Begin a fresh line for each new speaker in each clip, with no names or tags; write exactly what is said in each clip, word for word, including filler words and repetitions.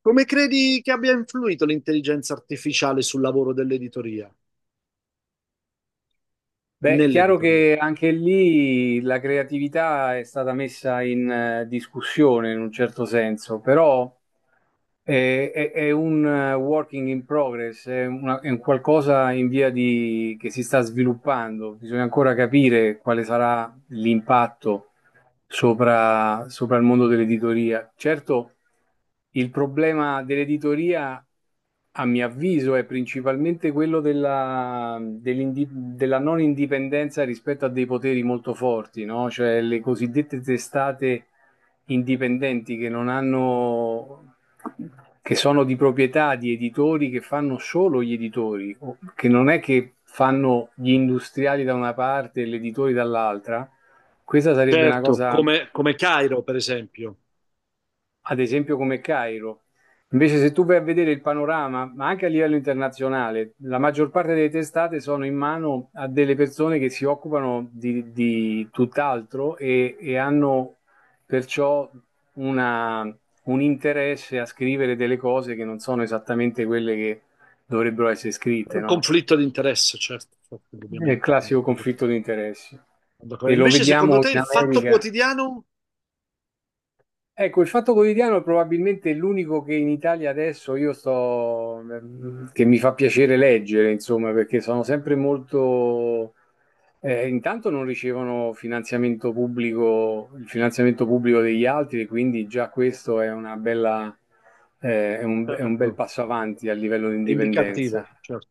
Come credi che abbia influito l'intelligenza artificiale sul lavoro dell'editoria,
Beh, è chiaro
nell'editoria?
che anche lì la creatività è stata messa in eh, discussione in un certo senso, però è, è- è un eh, working in progress, è, una- è un qualcosa in via di, che si sta sviluppando. Bisogna ancora capire quale sarà l'impatto sopra, sopra il mondo dell'editoria. Certo, il problema dell'editoria, a mio avviso, è principalmente quello della, dell'indi- della non indipendenza rispetto a dei poteri molto forti, no? Cioè le cosiddette testate indipendenti che non hanno che sono di proprietà di editori che fanno solo gli editori, o- che non è che fanno gli industriali da una parte e gli editori dall'altra, questa sarebbe una
Certo,
cosa
come, come Cairo, per esempio.
ad esempio come Cairo. Invece se tu vai a vedere il panorama, ma anche a livello internazionale, la maggior parte delle testate sono in mano a delle persone che si occupano di, di tutt'altro e, e hanno perciò una- un interesse a scrivere delle cose che non sono esattamente quelle che dovrebbero essere scritte,
Un
no?
conflitto di interesse, certo, certo,
È il
ovviamente, sono
classico
d'accordo con
conflitto di
te.
interessi.
Sono
E
d'accordo.
lo
Invece, secondo
vediamo
te,
in
il Fatto
America.
Quotidiano,
Ecco, il Fatto Quotidiano è probabilmente l'unico che in Italia adesso io sto, mm, che mi fa piacere leggere, insomma, perché sono sempre molto, eh, intanto non ricevono finanziamento pubblico, il finanziamento pubblico degli altri, e quindi già questo è una bella, eh, è un, è un bel
certo,
passo avanti a livello di
è
indipendenza.
indicativo, certo.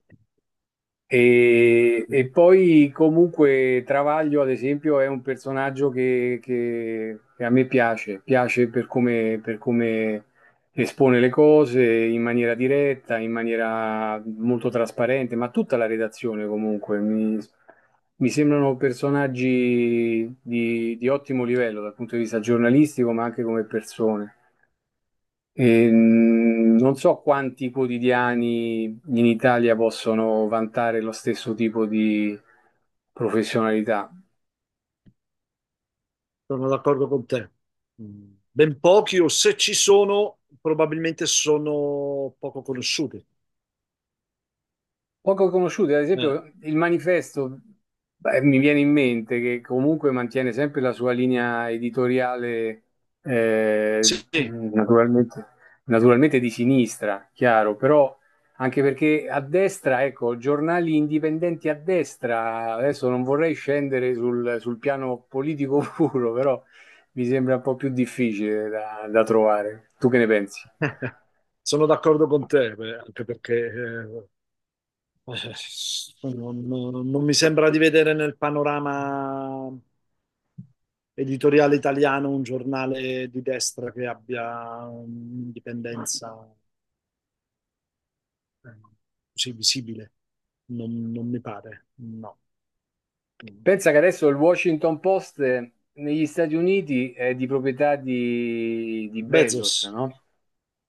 E, e poi comunque Travaglio, ad esempio, è un personaggio che, che- che a me piace, piace per come, per come espone le cose in maniera diretta, in maniera molto trasparente, ma tutta la redazione comunque mi, mi sembrano personaggi di, di ottimo livello dal punto di vista giornalistico, ma anche come persone. Ehm, non so quanti quotidiani in Italia possono vantare lo stesso tipo di professionalità.
Sono d'accordo con te. Mm, ben pochi, o se ci sono, probabilmente sono poco conosciuti.
Poco conosciuti, ad
Eh,
esempio, il manifesto, beh, mi viene in mente che comunque mantiene sempre la sua linea editoriale, eh,
sì,
naturalmente, naturalmente di sinistra, chiaro, però anche perché a destra, ecco, giornali indipendenti a destra, adesso non vorrei scendere sul, sul piano politico puro, però mi sembra un po' più difficile da da trovare. Tu che ne pensi?
sono d'accordo con te, beh, anche perché eh, Eh, non, non mi sembra di vedere nel panorama editoriale italiano un giornale di destra che abbia un'indipendenza eh, così visibile. Non, non mi pare, no.
Pensa che adesso il Washington Post eh, negli Stati Uniti è di proprietà di, di
Bezos,
Bezos, no?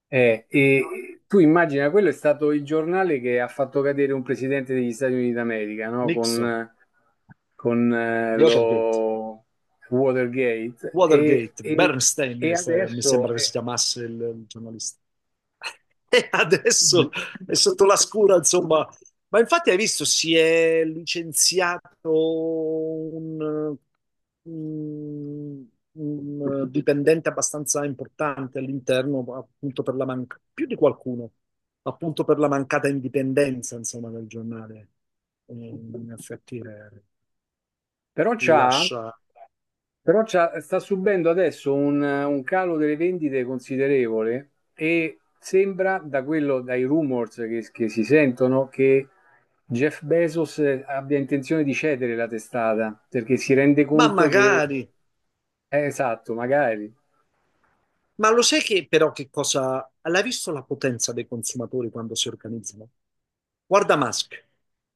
Eh, e tu immagina, quello è stato il giornale che ha fatto cadere un presidente degli Stati Uniti d'America, no?
Nixon,
Con, con eh,
Watergate.
lo Watergate e,
Watergate,
e-
Bernstein,
e
eh, mi
adesso...
sembra che si
eh,
chiamasse il, il giornalista. E adesso è sotto la scura, insomma. Ma infatti hai visto, si è licenziato un, un- un dipendente abbastanza importante all'interno, appunto per la manca- più di qualcuno, appunto per la mancata indipendenza, insomma, del giornale. Eh, In effetti eh,
Però c'ha,
lascia...
però c'ha- sta subendo adesso un, un calo delle vendite considerevole e sembra, da quello, dai rumors che, che si sentono, che Jeff Bezos abbia intenzione di cedere la testata perché si rende
Ma
conto che,
magari...
eh, esatto, magari.
Ma lo sai che però che cosa? L'hai visto la potenza dei consumatori quando si organizzano? Guarda Musk,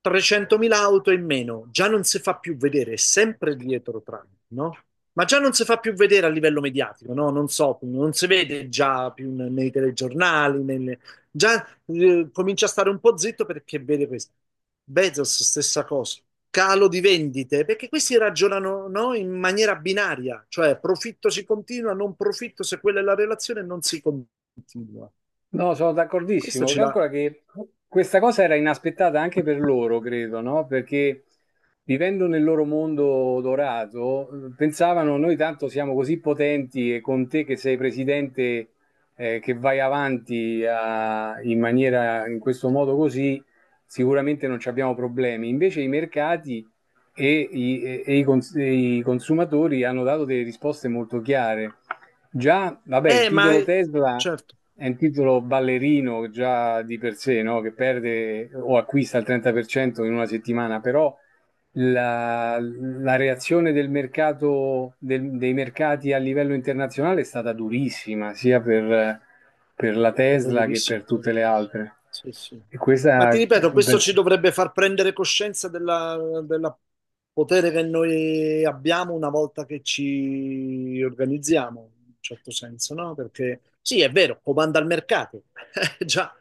trecentomila auto in meno, già non si fa più vedere, è sempre dietro Trump, no? Ma già non si fa più vedere a livello mediatico, no? Non so, non si vede già più n- nei telegiornali, nelle- già eh, comincia a stare un po' zitto perché vede questo. Bezos, stessa cosa, calo di vendite, perché questi ragionano, no? In maniera binaria, cioè profitto si continua, non profitto, se quella è la relazione non si continua.
No, sono
Questo
d'accordissimo.
ce l'ha.
Calcola che questa cosa era inaspettata anche per loro, credo, no? Perché vivendo nel loro mondo dorato, eh, pensavano noi tanto siamo così potenti e con te che sei presidente, eh, che vai avanti a- in maniera, in questo modo così, sicuramente non ci abbiamo problemi. Invece i mercati e, i, e- e i cons- e i consumatori hanno dato delle risposte molto chiare. Già, vabbè, il
Eh, ma
titolo Tesla
certo.
è un titolo ballerino già di per sé, no? Che perde o acquista il trenta per cento in una settimana, però la, la reazione del mercato, del- dei mercati a livello internazionale è stata durissima, sia per, per la
Stato
Tesla che per
durissimo, sì.
tutte le altre.
Sì, sì.
E
Ma ti
questa,
ripeto, questo
per-
ci dovrebbe far prendere coscienza della, della potere che noi abbiamo una volta che ci organizziamo, in un certo senso, no? Perché sì, è vero, comanda il mercato, eh, già,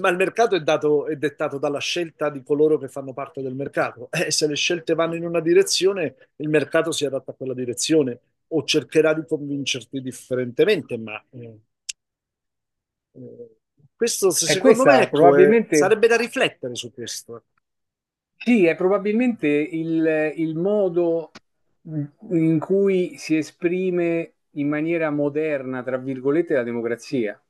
ma il mercato è dato, è dettato dalla scelta di coloro che fanno parte del mercato. E se le scelte vanno in una direzione, il mercato si adatta a quella direzione o cercherà di convincerti differentemente, ma... eh, eh, questo, se-
e
secondo me,
questa
ecco, eh,
probabilmente
sarebbe da riflettere su questo.
Sì, è probabilmente il, il modo in cui si esprime in maniera moderna, tra virgolette, la democrazia.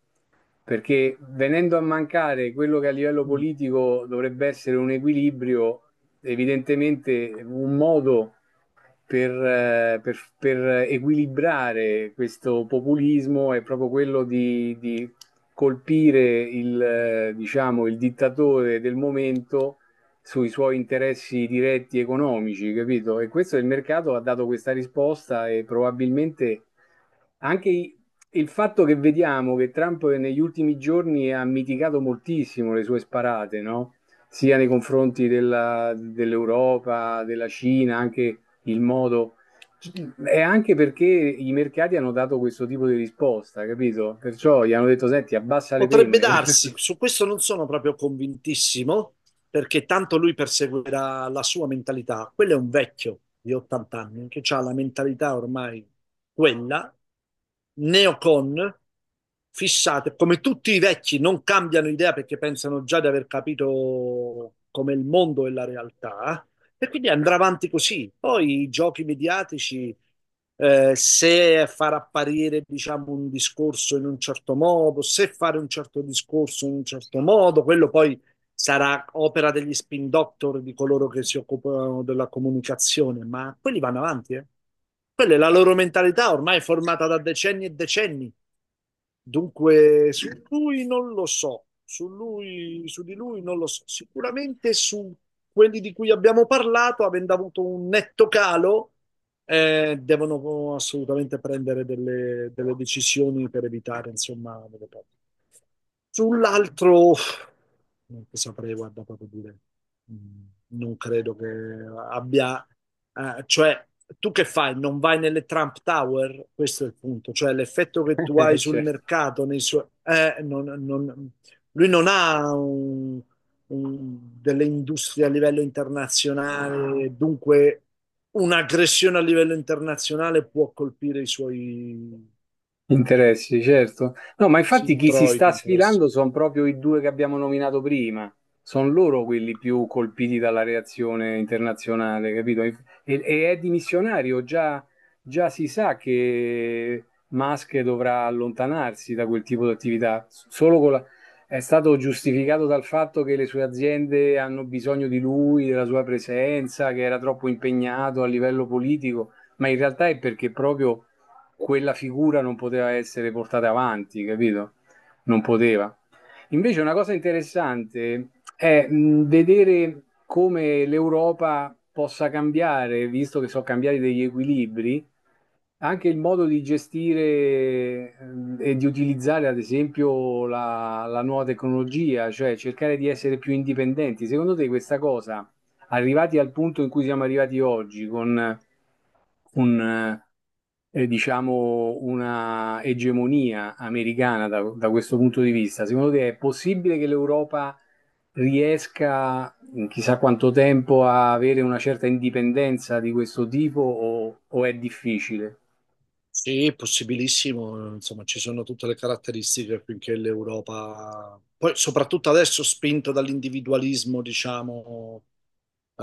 Perché venendo a mancare quello che a livello
Mm.
politico dovrebbe essere un equilibrio, evidentemente un modo per, eh, per- per equilibrare questo populismo è proprio quello di, di colpire il, eh, diciamo, il dittatore del momento sui suoi interessi diretti economici, capito? E questo il mercato ha dato questa risposta e probabilmente anche i- il fatto che vediamo che Trump negli ultimi giorni ha mitigato moltissimo le sue sparate, no? Sia nei confronti della- dell'Europa, della Cina, anche il modo... È anche perché i mercati hanno dato questo tipo di risposta, capito? Perciò gli hanno detto, senti, abbassa le
Potrebbe
penne.
darsi, su questo non sono proprio convintissimo, perché tanto lui perseguirà la sua mentalità. Quello è un vecchio di ottanta anni che ha la mentalità ormai quella, neocon, fissate, come tutti i vecchi non cambiano idea perché pensano già di aver capito come il mondo e la realtà. E quindi andrà avanti così. Poi i giochi mediatici, eh, se far apparire, diciamo, un discorso in un certo modo, se fare un certo discorso in un certo modo, quello poi sarà opera degli spin doctor di coloro che si occupano della comunicazione, ma quelli vanno avanti, eh. Quella è la loro mentalità ormai formata da decenni e decenni. Dunque, su lui non lo so, su lui, su di lui non lo so. Sicuramente su quelli di cui abbiamo parlato, avendo avuto un netto calo, eh, devono assolutamente prendere delle, delle decisioni per evitare, insomma, delle perdite. Sull'altro, non ti saprei, guarda, proprio dire, mm, non credo che abbia, eh, cioè, tu che fai? Non vai nelle Trump Tower? Questo è il punto, cioè l'effetto che tu hai
Eh,
sul
certo.
mercato, nei suoi, eh, non- non- lui non ha un- un- delle industrie a livello internazionale, dunque un'aggressione a livello internazionale può colpire i suoi
Interessi, certo. No, ma
sì,
infatti chi si sta
introiti, interessi.
sfilando sono proprio i due che abbiamo nominato prima. Sono loro quelli più colpiti dalla reazione internazionale, capito? E, e è dimissionario, già, già si sa che Musk dovrà allontanarsi da quel tipo di attività. Solo con la- è stato giustificato dal fatto che le sue aziende hanno bisogno di lui, della sua presenza, che era troppo impegnato a livello politico, ma in realtà è perché proprio quella figura non poteva essere portata avanti, capito? Non poteva. Invece una cosa interessante è mh, vedere come l'Europa possa cambiare, visto che sono cambiati degli equilibri, anche il modo di gestire ehm, e di utilizzare, ad esempio, la, la nuova tecnologia, cioè cercare di essere più indipendenti. Secondo te questa cosa, arrivati al punto in cui siamo arrivati oggi, con un, eh, diciamo, una egemonia americana da, da questo punto di vista, secondo te è possibile che l'Europa riesca in chissà quanto tempo a avere una certa indipendenza di questo tipo o o è difficile?
Sì, possibilissimo, insomma ci sono tutte le caratteristiche affinché l'Europa, poi soprattutto adesso spinta dall'individualismo, diciamo,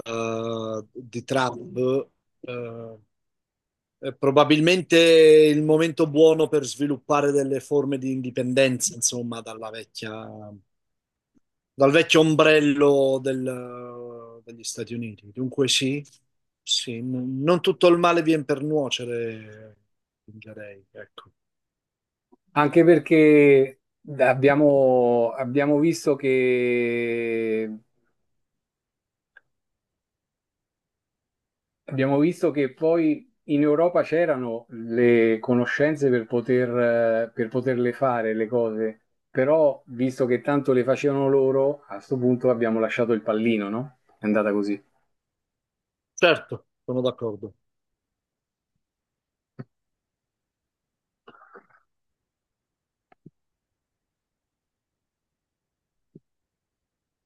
eh, di Trump, eh, eh, probabilmente il momento buono per sviluppare delle forme di indipendenza, insomma, dalla vecchia, dal vecchio ombrello del- degli Stati Uniti. Dunque sì, sì, n- non tutto il male viene per nuocere, direi, ecco.
Anche perché abbiamo, abbiamo visto che, abbiamo visto che poi in Europa c'erano le conoscenze per poter, eh, per poterle fare le cose, però visto che tanto le facevano loro, a sto punto abbiamo lasciato il pallino, no? È andata così.
Certo, sono d'accordo.